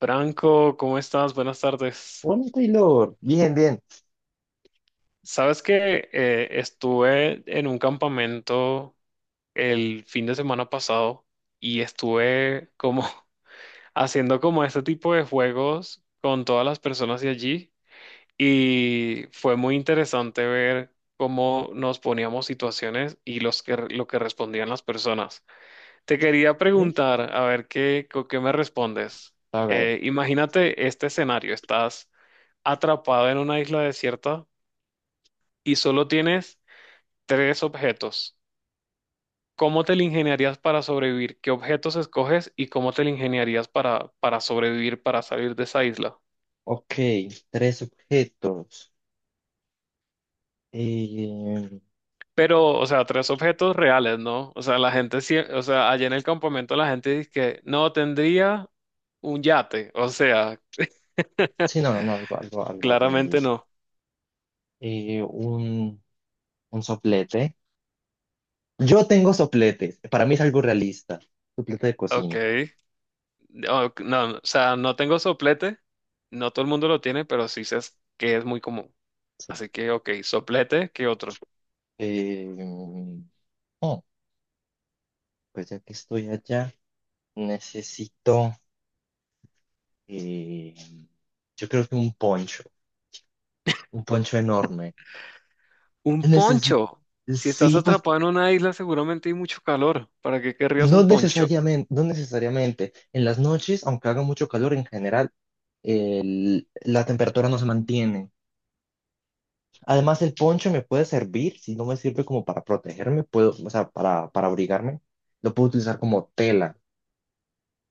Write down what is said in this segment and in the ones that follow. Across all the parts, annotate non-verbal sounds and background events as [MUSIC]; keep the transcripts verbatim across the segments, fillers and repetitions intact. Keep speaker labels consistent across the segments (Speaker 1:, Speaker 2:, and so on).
Speaker 1: Franco, ¿cómo estás? Buenas tardes.
Speaker 2: Hola Taylor, bien, bien.
Speaker 1: Sabes que eh, estuve en un campamento el fin de semana pasado y estuve como [LAUGHS] haciendo como este tipo de juegos con todas las personas de allí y fue muy interesante ver cómo nos poníamos situaciones y los que, lo que respondían las personas. Te quería
Speaker 2: ¿Eh?
Speaker 1: preguntar, a ver qué, co- qué me respondes.
Speaker 2: A ver,
Speaker 1: Eh, imagínate este escenario, estás atrapado en una isla desierta y solo tienes tres objetos. ¿Cómo te la ingeniarías para sobrevivir? ¿Qué objetos escoges y cómo te la ingeniarías para, para sobrevivir, para salir de esa isla?
Speaker 2: ok, tres objetos. Eh,
Speaker 1: Pero, o sea, tres objetos reales, ¿no? O sea, la gente, sie- o sea, allá en el campamento la gente dice que no tendría un yate, o sea,
Speaker 2: sí, no, no, algo, algo, algo
Speaker 1: claramente
Speaker 2: realista.
Speaker 1: no.
Speaker 2: Eh, un, un soplete. Yo tengo sopletes, para mí es algo realista. Soplete de
Speaker 1: Ok.
Speaker 2: cocina,
Speaker 1: No, no, o sea, no tengo soplete, no todo el mundo lo tiene, pero sí sé que es muy común.
Speaker 2: sí.
Speaker 1: Así que, ok, soplete, ¿qué otro?
Speaker 2: Eh, oh, pues ya que estoy allá, necesito, eh, yo creo que un poncho, un poncho enorme.
Speaker 1: Un
Speaker 2: Necesito,
Speaker 1: poncho. Si estás
Speaker 2: sí, pues
Speaker 1: atrapado en una isla, seguramente hay mucho calor. ¿Para qué querrías
Speaker 2: no
Speaker 1: un poncho?
Speaker 2: necesariamente, no necesariamente. En las noches, aunque haga mucho calor en general, el- la temperatura no se mantiene. Además, el poncho me puede servir, si no me sirve como para protegerme, puedo, o sea, para, para abrigarme, lo puedo utilizar como tela,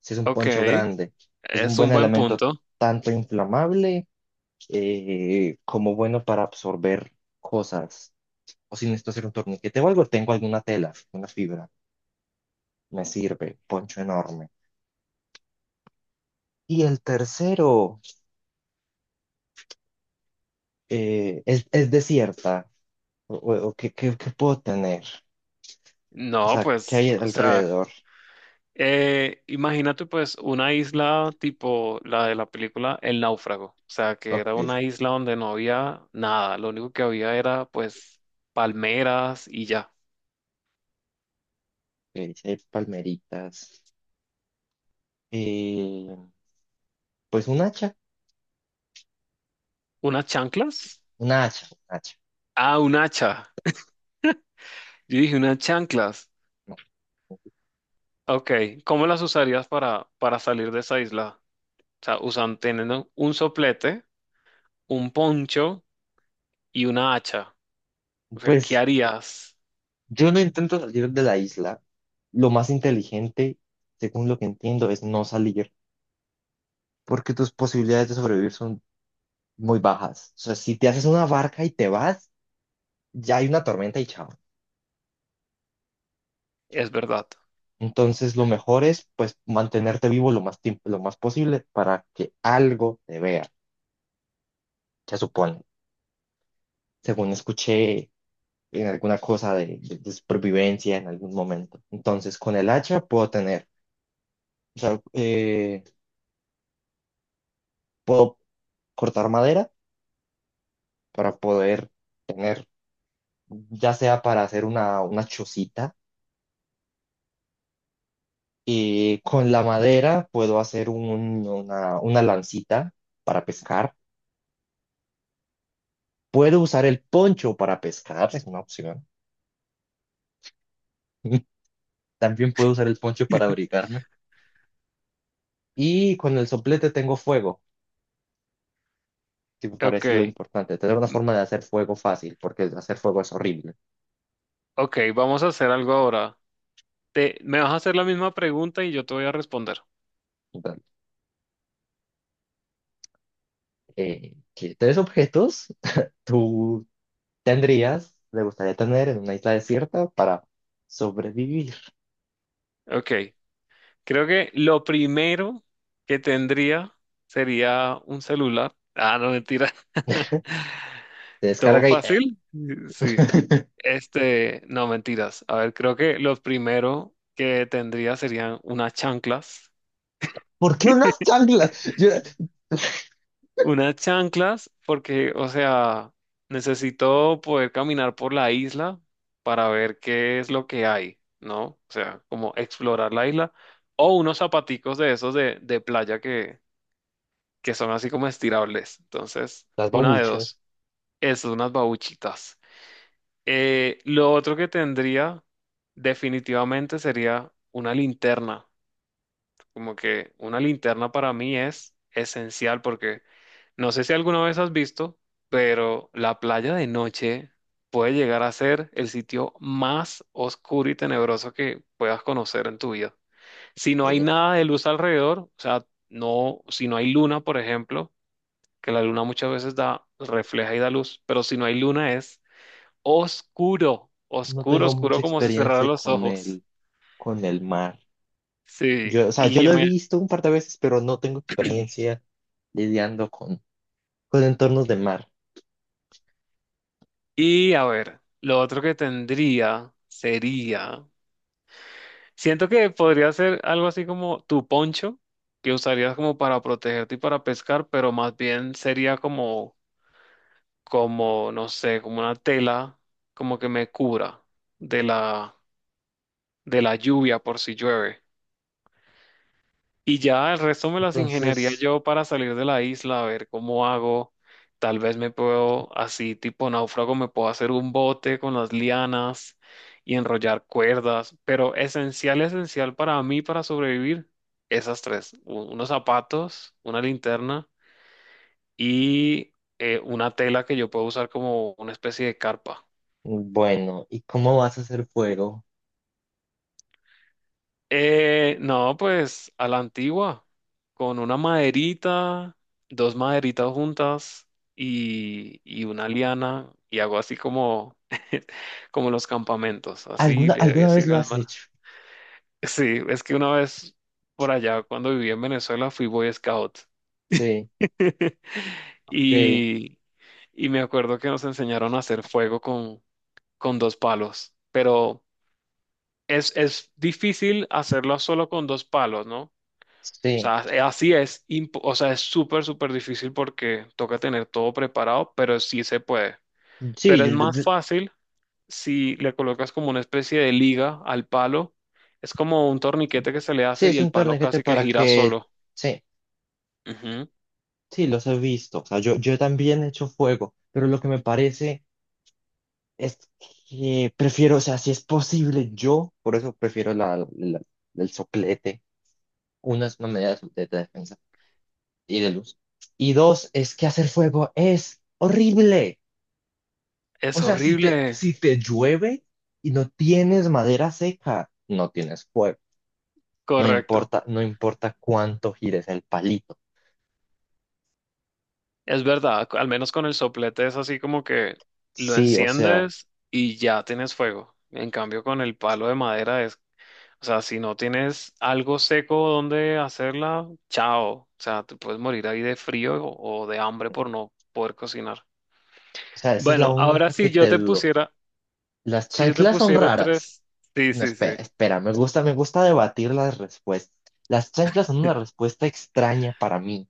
Speaker 2: si es un
Speaker 1: Ok,
Speaker 2: poncho grande. Es un
Speaker 1: es
Speaker 2: buen
Speaker 1: un buen
Speaker 2: elemento
Speaker 1: punto.
Speaker 2: tanto inflamable eh, como bueno para absorber cosas. O si necesito hacer un torniquete o algo, tengo alguna tela, una fibra, me sirve, poncho enorme. Y el tercero. Eh, ¿es, es desierta? ¿O, o- o qué, qué- qué puedo tener? O
Speaker 1: No,
Speaker 2: sea, ¿qué
Speaker 1: pues,
Speaker 2: hay
Speaker 1: o sea,
Speaker 2: alrededor?
Speaker 1: eh, imagínate pues una isla tipo la de la película El Náufrago, o sea, que
Speaker 2: Ok,
Speaker 1: era
Speaker 2: ok,
Speaker 1: una isla donde no había nada, lo único que había era pues palmeras y ya.
Speaker 2: sí hay palmeritas. Eh, pues un hacha,
Speaker 1: ¿Unas chanclas?
Speaker 2: una hacha, un hacha.
Speaker 1: Ah, un hacha. Yo dije unas chanclas.
Speaker 2: No,
Speaker 1: Ok, ¿cómo las usarías para, para salir de esa isla? O sea, usan, teniendo un soplete, un poncho y una hacha. O sea, ¿qué
Speaker 2: pues
Speaker 1: harías?
Speaker 2: yo no intento salir de la isla. Lo más inteligente, según lo que entiendo, es no salir, porque tus posibilidades de sobrevivir son muy bajas. O sea, si te haces una barca y te vas, ya hay una tormenta y chao.
Speaker 1: Es verdad.
Speaker 2: Entonces, lo mejor es, pues, mantenerte vivo lo más tiempo, lo más posible para que algo te vea, se supone, según escuché en alguna cosa de, de- de supervivencia en algún momento. Entonces, con el hacha puedo tener, o sea, eh, puedo cortar madera para poder tener, ya sea para hacer una, una chocita, y con la madera puedo hacer un- una, una lancita para pescar. Puedo usar el poncho para pescar, es una opción. [LAUGHS] También puedo usar el poncho para
Speaker 1: [LAUGHS]
Speaker 2: abrigarme. Y con el soplete tengo fuego, que me
Speaker 1: Ok,
Speaker 2: parece lo importante. Tener una
Speaker 1: mm,
Speaker 2: forma de hacer fuego fácil, porque hacer fuego es horrible.
Speaker 1: ok, vamos a hacer algo ahora. Te, me vas a hacer la misma pregunta y yo te voy a responder.
Speaker 2: Entonces, eh, ¿qué tres objetos [LAUGHS] tú tendrías, te gustaría tener en una isla desierta para sobrevivir?
Speaker 1: Ok, creo que lo primero que tendría sería un celular. Ah, no, mentira. [LAUGHS]
Speaker 2: Te
Speaker 1: ¿Todo
Speaker 2: descarga y...
Speaker 1: fácil? Mm, sí.
Speaker 2: [LAUGHS]
Speaker 1: Este, no, mentiras. A ver, creo que los primero que tendría serían unas chanclas.
Speaker 2: ¿Por qué unas
Speaker 1: [LAUGHS]
Speaker 2: chanclas? Yo-
Speaker 1: Unas chanclas, porque, o sea, necesito poder caminar por la isla para ver qué es lo que hay, ¿no? O sea, como explorar la isla. O unos zapaticos de esos de, de playa que, que son así como estirables. Entonces,
Speaker 2: Las
Speaker 1: una de
Speaker 2: babuchas.
Speaker 1: dos. Es unas babuchitas. Eh, lo otro que tendría definitivamente sería una linterna. Como que una linterna para mí es esencial porque no sé si alguna vez has visto, pero la playa de noche puede llegar a ser el sitio más oscuro y tenebroso que puedas conocer en tu vida. Si no hay
Speaker 2: Ok.
Speaker 1: nada de luz alrededor, o sea, no, si no hay luna, por ejemplo, que la luna muchas veces da, refleja y da luz, pero si no hay luna es oscuro,
Speaker 2: No
Speaker 1: oscuro,
Speaker 2: tengo mucha
Speaker 1: oscuro como si cerrara
Speaker 2: experiencia
Speaker 1: los
Speaker 2: con
Speaker 1: ojos.
Speaker 2: el, con el mar.
Speaker 1: Sí,
Speaker 2: Yo, o sea,
Speaker 1: y,
Speaker 2: yo
Speaker 1: ya
Speaker 2: lo he
Speaker 1: me-
Speaker 2: visto un par de veces, pero no tengo experiencia lidiando con, con entornos de mar.
Speaker 1: y a ver, lo otro que tendría sería, siento que podría ser algo así como tu poncho, que usarías como para protegerte y para pescar, pero más bien sería como, como, no sé, como una tela, como que me cubra de la, de la lluvia por si llueve. Y ya el resto me las ingeniaría
Speaker 2: Entonces,
Speaker 1: yo para salir de la isla, a ver cómo hago. Tal vez me puedo, así tipo náufrago, me puedo hacer un bote con las lianas y enrollar cuerdas. Pero esencial, esencial para mí, para sobrevivir, esas tres. u- Unos zapatos, una linterna y eh, una tela que yo puedo usar como una especie de carpa.
Speaker 2: bueno, ¿y cómo vas a hacer fuego?
Speaker 1: Eh, no, pues a la antigua, con una maderita, dos maderitas juntas y, y una liana, y hago así como, [LAUGHS] como los campamentos, así
Speaker 2: ¿Alguna,
Speaker 1: le doy
Speaker 2: alguna
Speaker 1: así
Speaker 2: vez lo
Speaker 1: con las
Speaker 2: has
Speaker 1: manos.
Speaker 2: hecho?
Speaker 1: Sí, es que una vez por allá, cuando viví en Venezuela, fui Boy Scout.
Speaker 2: Sí,
Speaker 1: [LAUGHS]
Speaker 2: ok,
Speaker 1: Y, y me acuerdo que nos enseñaron a hacer fuego con, con dos palos, pero es, es difícil hacerlo solo con dos palos, ¿no? O
Speaker 2: sí.
Speaker 1: sea, es- así es, imp- o sea, es súper, súper difícil porque toca tener todo preparado, pero sí se puede.
Speaker 2: Sí,
Speaker 1: Pero
Speaker 2: yo,
Speaker 1: es
Speaker 2: yo-
Speaker 1: más
Speaker 2: yo-
Speaker 1: fácil si le colocas como una especie de liga al palo. Es como un torniquete que se le
Speaker 2: sí,
Speaker 1: hace y
Speaker 2: es
Speaker 1: el
Speaker 2: un
Speaker 1: palo
Speaker 2: torniquete
Speaker 1: casi que
Speaker 2: para
Speaker 1: gira
Speaker 2: que...
Speaker 1: solo.
Speaker 2: Sí,
Speaker 1: Ujú.
Speaker 2: sí, los he visto. O sea, yo, yo también he hecho fuego, pero lo que me parece es que prefiero, o sea, si es posible, yo, por eso prefiero la, la- el soplete, unas medidas de defensa. Y de luz. Y dos, es que hacer fuego es horrible.
Speaker 1: Es
Speaker 2: O sea, si te,
Speaker 1: horrible.
Speaker 2: si te llueve y no tienes madera seca, no tienes fuego. No
Speaker 1: Correcto.
Speaker 2: importa, no importa cuánto gires el palito.
Speaker 1: Es verdad, al menos con el soplete es así como que lo
Speaker 2: Sí, o sea,
Speaker 1: enciendes y ya tienes fuego. En cambio, con el palo de madera es, o sea, si no tienes algo seco donde hacerla, chao. O sea, te puedes morir ahí de frío o, o de hambre por no poder cocinar.
Speaker 2: o sea, esa es la
Speaker 1: Bueno, ahora
Speaker 2: única que
Speaker 1: si yo
Speaker 2: te
Speaker 1: te
Speaker 2: dudo.
Speaker 1: pusiera,
Speaker 2: Las
Speaker 1: si yo te
Speaker 2: chanclas son
Speaker 1: pusiera
Speaker 2: raras.
Speaker 1: tres, sí,
Speaker 2: No,
Speaker 1: sí, sí.
Speaker 2: espera, espera, me gusta, me gusta debatir las respuestas. Las chanclas son una respuesta extraña para mí.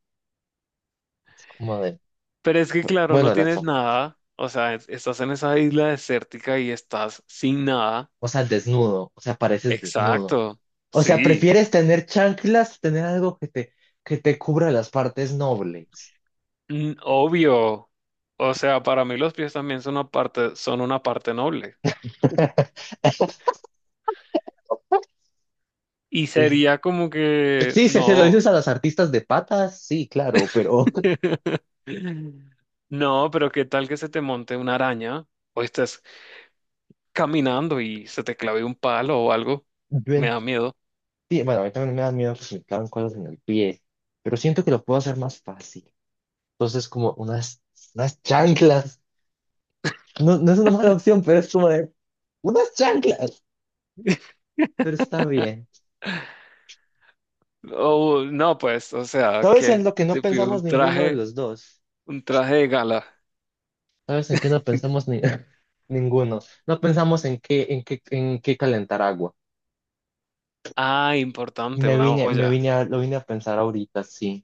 Speaker 2: Como de,
Speaker 1: Pero es que claro, no
Speaker 2: bueno, las,
Speaker 1: tienes nada. O sea, es- estás en esa isla desértica y estás sin nada.
Speaker 2: o sea, desnudo, o sea, pareces desnudo.
Speaker 1: Exacto.
Speaker 2: O sea,
Speaker 1: Sí.
Speaker 2: prefieres tener chanclas, tener algo que te, que te cubra las partes nobles.
Speaker 1: Mm, obvio. O sea, para mí los pies también son una parte, son una parte noble. Y
Speaker 2: Es-
Speaker 1: sería como que
Speaker 2: sí, si se lo
Speaker 1: no.
Speaker 2: dices a las artistas de patas, sí, claro, pero
Speaker 1: [LAUGHS] No, pero ¿qué tal que se te monte una araña? O estás caminando y se te clave un palo o algo.
Speaker 2: yo
Speaker 1: Me da miedo.
Speaker 2: entiendo, bueno, a mí también me da miedo que se me claven cosas en el pie, pero siento que lo puedo hacer más fácil. Entonces, como unas, unas chanclas, no, no es una mala opción, pero es como de unas chanclas, pero está
Speaker 1: [LAUGHS]
Speaker 2: bien.
Speaker 1: O no, pues, o sea,
Speaker 2: Todo eso es
Speaker 1: que
Speaker 2: lo que no
Speaker 1: te pido un
Speaker 2: pensamos ninguno de
Speaker 1: traje,
Speaker 2: los dos.
Speaker 1: un traje de gala.
Speaker 2: ¿Sabes en qué no pensamos ni- [LAUGHS] ninguno? No pensamos en qué, en qué, en qué calentar agua.
Speaker 1: Ah, importante,
Speaker 2: Me
Speaker 1: una
Speaker 2: vine, me
Speaker 1: olla.
Speaker 2: vine a, lo vine a pensar ahorita, sí.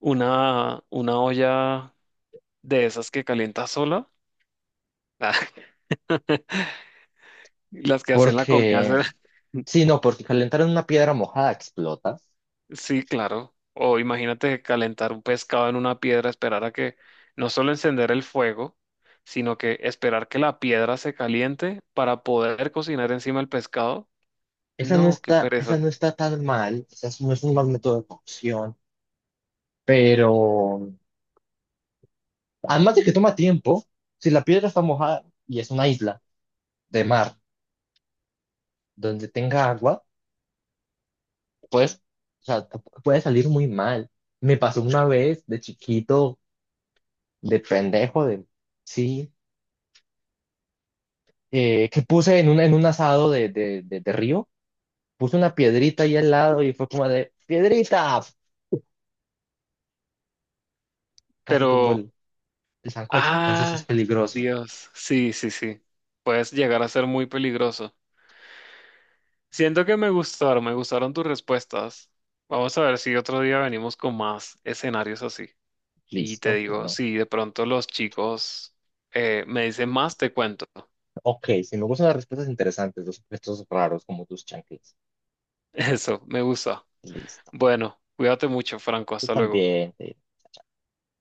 Speaker 1: Una, una olla de esas que calienta sola. [LAUGHS] Las que hacen la comida
Speaker 2: Porque,
Speaker 1: sola. [LAUGHS]
Speaker 2: sí, no, porque calentar en una piedra mojada explota.
Speaker 1: Sí, claro. O imagínate calentar un pescado en una piedra, esperar a que no solo encender el fuego, sino que esperar que la piedra se caliente para poder cocinar encima el pescado.
Speaker 2: Esa no
Speaker 1: No, qué
Speaker 2: está, esa
Speaker 1: pereza.
Speaker 2: no está tan mal, esa es- no es un mal método de cocción, pero además de que toma tiempo, si la piedra está mojada y es una isla de mar donde tenga agua, pues, o sea, puede salir muy mal. Me pasó una vez de chiquito de pendejo, de, sí, eh, que puse en un, en un asado de, de, de, de río, puse una piedrita ahí al lado y fue como de, piedrita, casi tumbó
Speaker 1: Pero,
Speaker 2: el, el sancocho, entonces es
Speaker 1: ah,
Speaker 2: peligroso.
Speaker 1: Dios, sí, sí, sí. Puedes llegar a ser muy peligroso. Siento que me gustaron, me gustaron tus respuestas. Vamos a ver si otro día venimos con más escenarios así. Y te
Speaker 2: Listo,
Speaker 1: digo,
Speaker 2: claro.
Speaker 1: si de pronto los chicos eh, me dicen más, te cuento.
Speaker 2: Ok, si me gustan las respuestas interesantes, los objetos raros como tus chanclas.
Speaker 1: [LAUGHS] Eso, me gusta.
Speaker 2: Listo.
Speaker 1: Bueno, cuídate mucho, Franco.
Speaker 2: Tú
Speaker 1: Hasta luego.
Speaker 2: también. Sí.